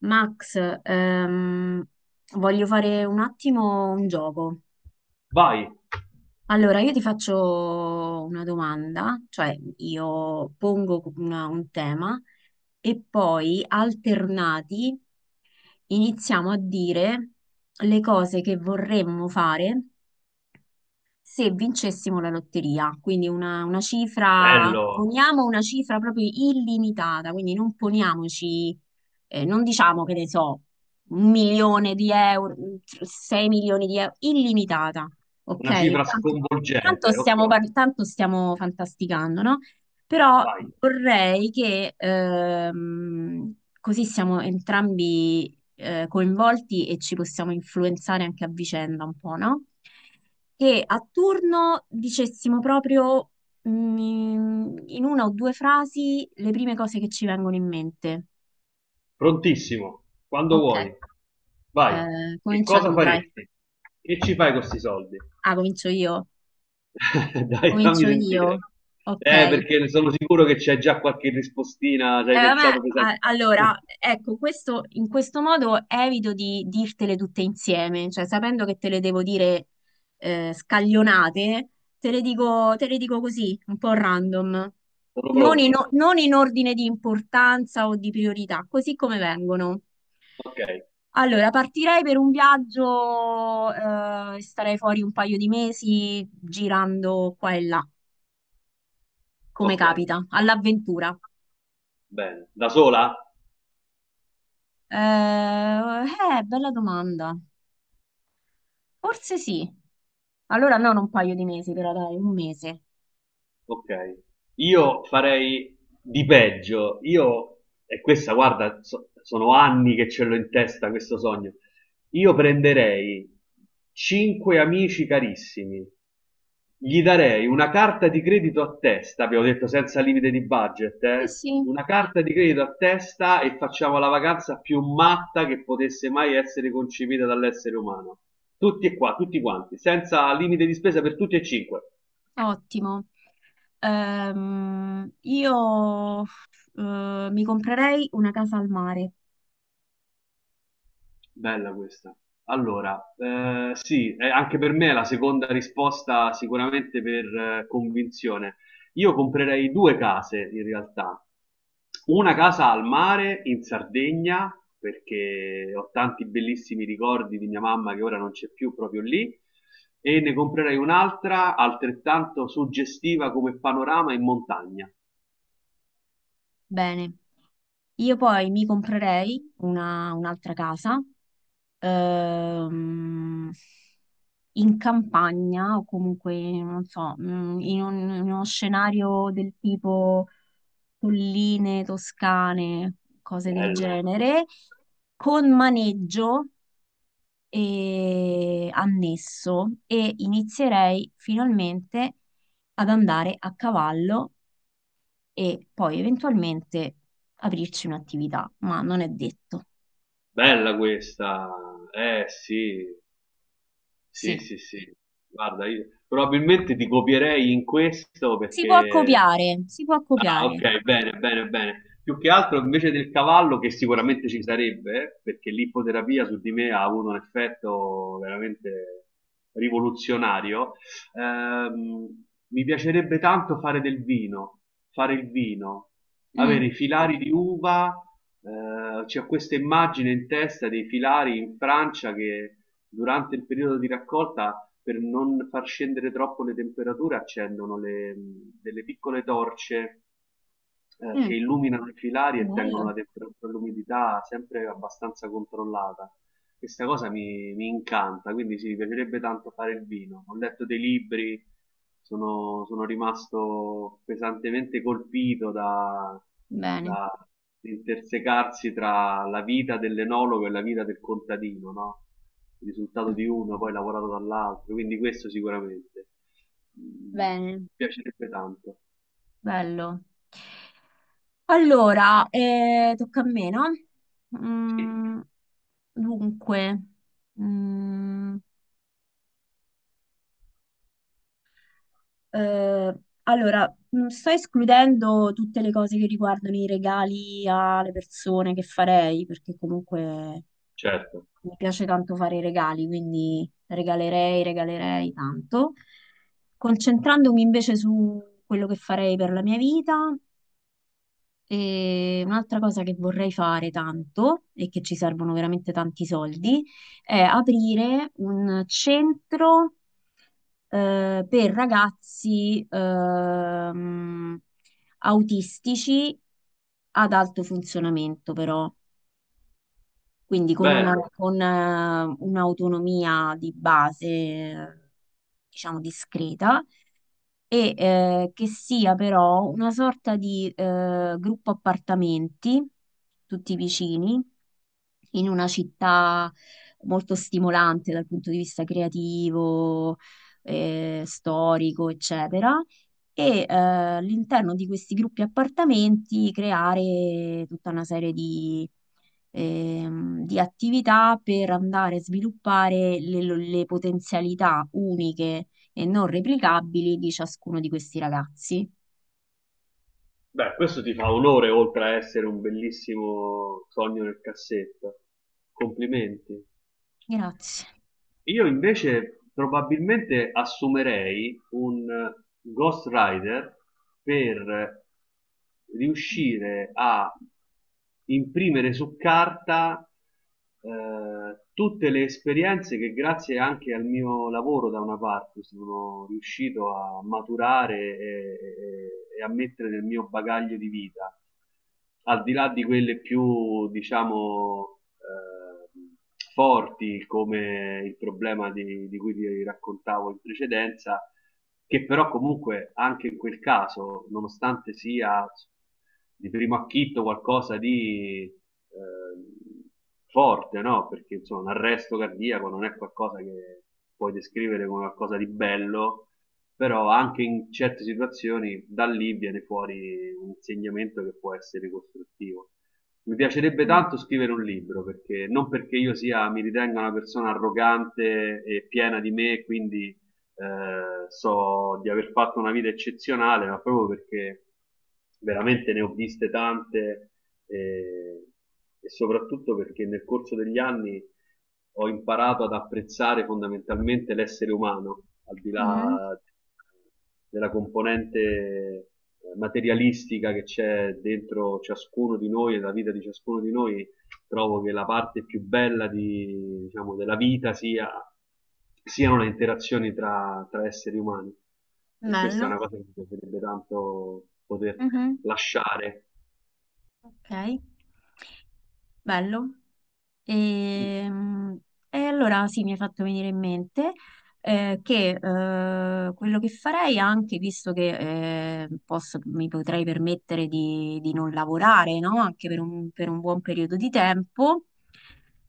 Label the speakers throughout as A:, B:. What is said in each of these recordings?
A: Max, ehm, voglio fare un attimo un gioco.
B: Vai,
A: Allora, io ti faccio una domanda, cioè io pongo un tema e poi alternati iniziamo a dire le cose che vorremmo fare se vincessimo la lotteria, quindi una cifra,
B: bello,
A: poniamo una cifra proprio illimitata, quindi non poniamoci, non diciamo che ne so, un milione di euro, sei milioni di euro, illimitata, ok?
B: una cifra
A: Tanto, tanto
B: sconvolgente. Ok,
A: tanto stiamo fantasticando, no? Però
B: vai,
A: vorrei che così siamo entrambi coinvolti e ci possiamo influenzare anche a vicenda un po', no? Che a turno dicessimo proprio, mm, in una o due frasi le prime cose che ci vengono in mente.
B: prontissimo, quando
A: Ok,
B: vuoi. Vai, che
A: comincia
B: cosa
A: tu, dai.
B: faresti? Che ci fai con questi soldi?
A: Ah, comincio io.
B: Dai, fammi
A: Comincio
B: sentire.
A: io. Ok.
B: Perché ne sono sicuro che c'è già qualche rispostina, ci hai pensato pesante.
A: Allora, ecco, questo, in questo modo evito di dirtele tutte insieme, cioè sapendo che te le devo dire scaglionate, te le dico così, un po' random,
B: Sono pronto.
A: non in ordine di importanza o di priorità, così come vengono.
B: Ok,
A: Allora, partirei per un viaggio, starei fuori un paio di mesi girando qua e là, come
B: ok,
A: capita, all'avventura.
B: bene. Da sola?
A: Bella domanda. Forse sì. Allora non un paio di mesi, però dai, un mese.
B: Ok, io farei di peggio. Io, e questa, guarda, sono anni che ce l'ho in testa questo sogno. Io prenderei cinque amici carissimi, gli darei una carta di credito a testa, abbiamo detto senza limite di budget,
A: Sì,
B: eh?
A: sì,
B: Una carta di credito a testa e facciamo la vacanza più matta che potesse mai essere concepita dall'essere umano. Tutti e qua, tutti quanti, senza limite di spesa per tutti e cinque.
A: ottimo. Io mi comprerei una casa al mare.
B: Bella questa. Allora, sì, anche per me è la seconda risposta sicuramente per convinzione. Io comprerei due case in realtà. Una casa al mare in Sardegna, perché ho tanti bellissimi ricordi di mia mamma che ora non c'è più proprio lì, e ne comprerei un'altra altrettanto suggestiva come panorama in montagna.
A: Bene. Io poi mi comprerei un'altra casa, ehm, in campagna o comunque, non so, in uno scenario del tipo colline toscane, cose del
B: Bello,
A: genere, con maneggio, e annesso, e inizierei finalmente ad andare a cavallo e poi eventualmente aprirci un'attività, ma non è detto.
B: bella questa. Eh sì, sì,
A: Sì,
B: sì, sì. Guarda, io probabilmente ti copierei in questo
A: si può
B: perché...
A: copiare, si può
B: Ah,
A: copiare.
B: ok, bene, bene, bene. Più che altro invece del cavallo, che sicuramente ci sarebbe, perché l'ippoterapia su di me ha avuto un effetto veramente rivoluzionario, mi piacerebbe tanto fare del vino, fare il vino,
A: Mm,
B: avere i filari di uva, c'è questa immagine in testa dei filari in Francia che durante il periodo di raccolta per non far scendere troppo le temperature accendono delle piccole torce
A: mm,
B: che illuminano i filari e tengono
A: bello,
B: la temperatura e l'umidità sempre abbastanza controllata. Questa cosa mi incanta, quindi sì, mi piacerebbe tanto fare il vino. Ho letto dei libri, sono rimasto pesantemente colpito da,
A: bene.
B: da intersecarsi tra la vita dell'enologo e la vita del contadino, no? Il risultato
A: Ah,
B: di uno poi lavorato dall'altro, quindi questo sicuramente. Mm,
A: bene,
B: mi piacerebbe tanto.
A: bello. Allora, tocca a me, no?
B: Sì,
A: Mm, dunque, mm, Eh, allora, sto escludendo tutte le cose che riguardano i regali alle persone che farei, perché comunque
B: certo.
A: mi piace tanto fare i regali, quindi regalerei tanto. Concentrandomi invece su quello che farei per la mia vita, e un'altra cosa che vorrei fare tanto e che ci servono veramente tanti soldi è aprire un centro per ragazzi, autistici ad alto funzionamento, però, quindi con
B: Bello.
A: un'autonomia di base, diciamo, discreta, e che sia però una sorta di gruppo appartamenti, tutti vicini, in una città molto stimolante dal punto di vista creativo, storico, eccetera, e all'interno di questi gruppi appartamenti creare tutta una serie di attività per andare a sviluppare le potenzialità uniche e non replicabili di ciascuno di questi ragazzi.
B: Beh, questo ti fa onore oltre a essere un bellissimo sogno nel cassetto. Complimenti.
A: Grazie.
B: Io invece probabilmente assumerei un Ghost Rider per riuscire a imprimere su carta tutte le esperienze che grazie anche al mio lavoro da una parte sono riuscito a maturare e a mettere nel mio bagaglio di vita, al di là di quelle più, diciamo, forti come il problema di cui ti raccontavo in precedenza che però comunque anche in quel caso, nonostante sia di primo acchito qualcosa di forte, no? Perché insomma un arresto cardiaco non è qualcosa che puoi descrivere come qualcosa di bello, però anche in certe situazioni da lì viene fuori un insegnamento che può essere costruttivo. Mi piacerebbe tanto scrivere un libro, perché non perché io sia, mi ritenga una persona arrogante e piena di me, quindi so di aver fatto una vita eccezionale, ma proprio perché veramente ne ho viste tante eh, e soprattutto perché nel corso degli anni ho imparato ad apprezzare fondamentalmente l'essere umano, al di
A: Mm,
B: là della componente materialistica che c'è dentro ciascuno di noi e la vita di ciascuno di noi, trovo che la parte più bella di, diciamo, della vita sia, siano le interazioni tra, tra esseri umani. E questa è
A: bello.
B: una cosa che mi piacerebbe tanto poter
A: Mhm.
B: lasciare.
A: Ok, bello.
B: Mm,
A: E, mm, e allora sì, mi hai fatto venire in mente che quello che farei anche, visto che mi potrei permettere di non lavorare, no? Anche per per un buon periodo di tempo,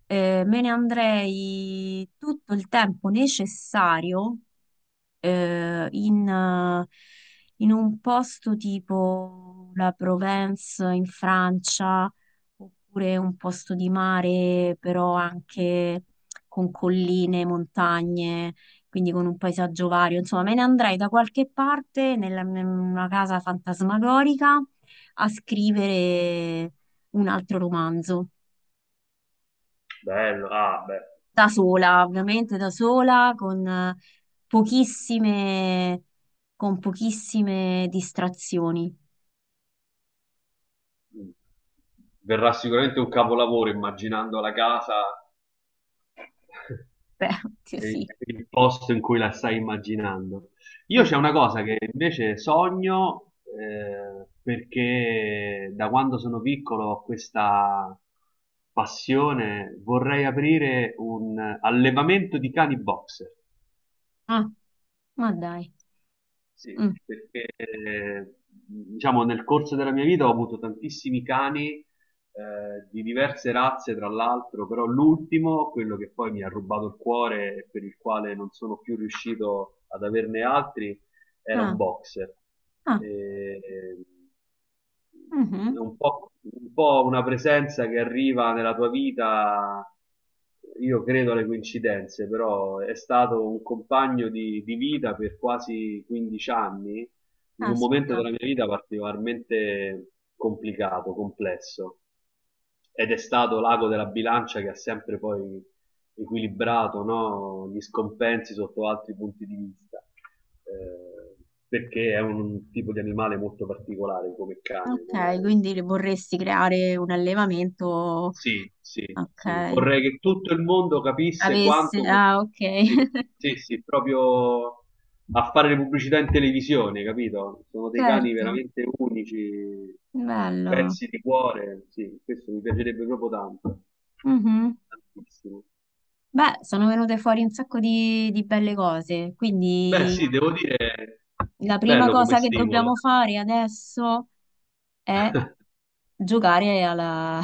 A: me ne andrei tutto il tempo necessario eh, in, eh, in un posto tipo la Provence in Francia, oppure un posto di mare, però anche con colline, montagne, quindi con un paesaggio vario. Insomma, me ne andrei da qualche parte, in una casa fantasmagorica, a scrivere un altro romanzo.
B: bello, ah, beh.
A: Da sola, ovviamente da sola, con pochissime, con pochissime distrazioni.
B: Mm. Verrà sicuramente un capolavoro immaginando la casa
A: Beh, oddio,
B: è
A: sì.
B: il posto in cui la stai immaginando. Io
A: Mm.
B: c'è una cosa che invece sogno perché da quando sono piccolo ho questa passione, vorrei aprire un allevamento di cani boxer.
A: Ah, ma dai.
B: Sì,
A: Mm.
B: perché diciamo nel corso della mia vita ho avuto tantissimi cani di diverse razze, tra l'altro, però l'ultimo, quello che poi mi ha rubato il cuore e per il quale non sono più riuscito ad averne altri, era un
A: Ah,
B: boxer.
A: ah,
B: E-
A: mhm.
B: è un po' una presenza che arriva nella tua vita, io credo alle coincidenze, però è stato un compagno di vita per quasi 15 anni, in un momento
A: Aspetta.
B: della mia vita particolarmente complicato, complesso. Ed è stato l'ago della bilancia che ha sempre poi equilibrato no? Gli scompensi sotto altri punti di vista, eh, perché è un tipo di animale molto particolare come cane. Non
A: Ok,
B: è... un-
A: quindi le vorresti creare un allevamento.
B: Sì, sì, sì.
A: Ok.
B: Vorrei che tutto il mondo capisse
A: Avesse,
B: quanto...
A: ah, ok.
B: Sì, sì, sì, proprio a fare le pubblicità in televisione, capito? Sono dei cani
A: Certo,
B: veramente unici,
A: bello.
B: pezzi di cuore, sì, questo mi piacerebbe proprio tanto,
A: Mhm.
B: tantissimo.
A: Beh, sono venute fuori un sacco di belle cose,
B: Beh,
A: quindi
B: sì, devo dire,
A: la prima
B: bello come
A: cosa che
B: stimolo.
A: dobbiamo fare adesso è giocare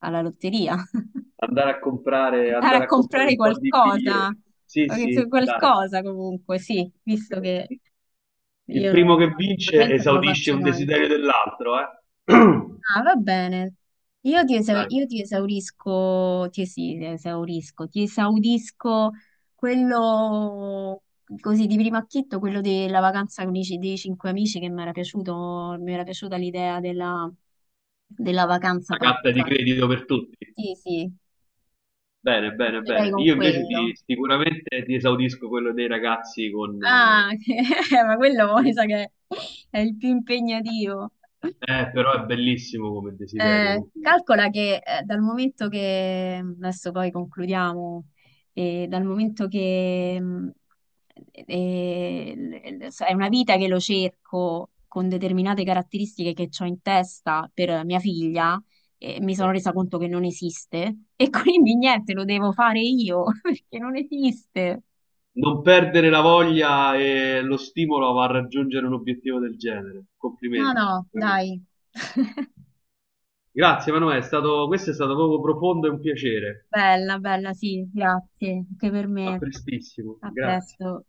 A: alla lotteria. Andare a
B: Andare a comprare
A: comprare
B: un po' di
A: qualcosa,
B: biglietti. Sì, sì, dai.
A: qualcosa comunque, sì, visto che
B: Ok. Il
A: io
B: primo
A: no,
B: che vince
A: normalmente non lo
B: esaudisce
A: faccio
B: un
A: noi.
B: desiderio dell'altro, eh?
A: Ah, va bene.
B: Dai,
A: Io ti esaurisco, ti esaudisco quello così di primo acchitto, quello della vacanza con dei cinque amici che mi era piaciuta l'idea della vacanza
B: la carta di
A: pazza.
B: credito per tutti.
A: Sì, sì.
B: Bene, bene,
A: Vincerei
B: bene.
A: con
B: Io invece ti,
A: quello.
B: sicuramente ti esaudisco quello dei ragazzi con...
A: Ah, ma quello mi sa che è il più impegnativo.
B: Però è bellissimo come desiderio. Complimenti.
A: Calcola che dal momento che, mm, adesso poi concludiamo, dal momento che l- l- è una vita che lo cerco con determinate caratteristiche che ho in testa per mia figlia, mi
B: Cioè,
A: sono resa conto che non esiste e quindi niente, lo devo fare io perché non esiste.
B: non perdere la voglia e lo stimolo a raggiungere un obiettivo del genere.
A: No,
B: Complimenti,
A: no,
B: veramente.
A: dai.
B: Grazie Emanuele, questo è stato proprio profondo e un piacere.
A: Bella, bella, sì, grazie, anche per
B: A
A: me.
B: prestissimo,
A: A
B: grazie.
A: presto.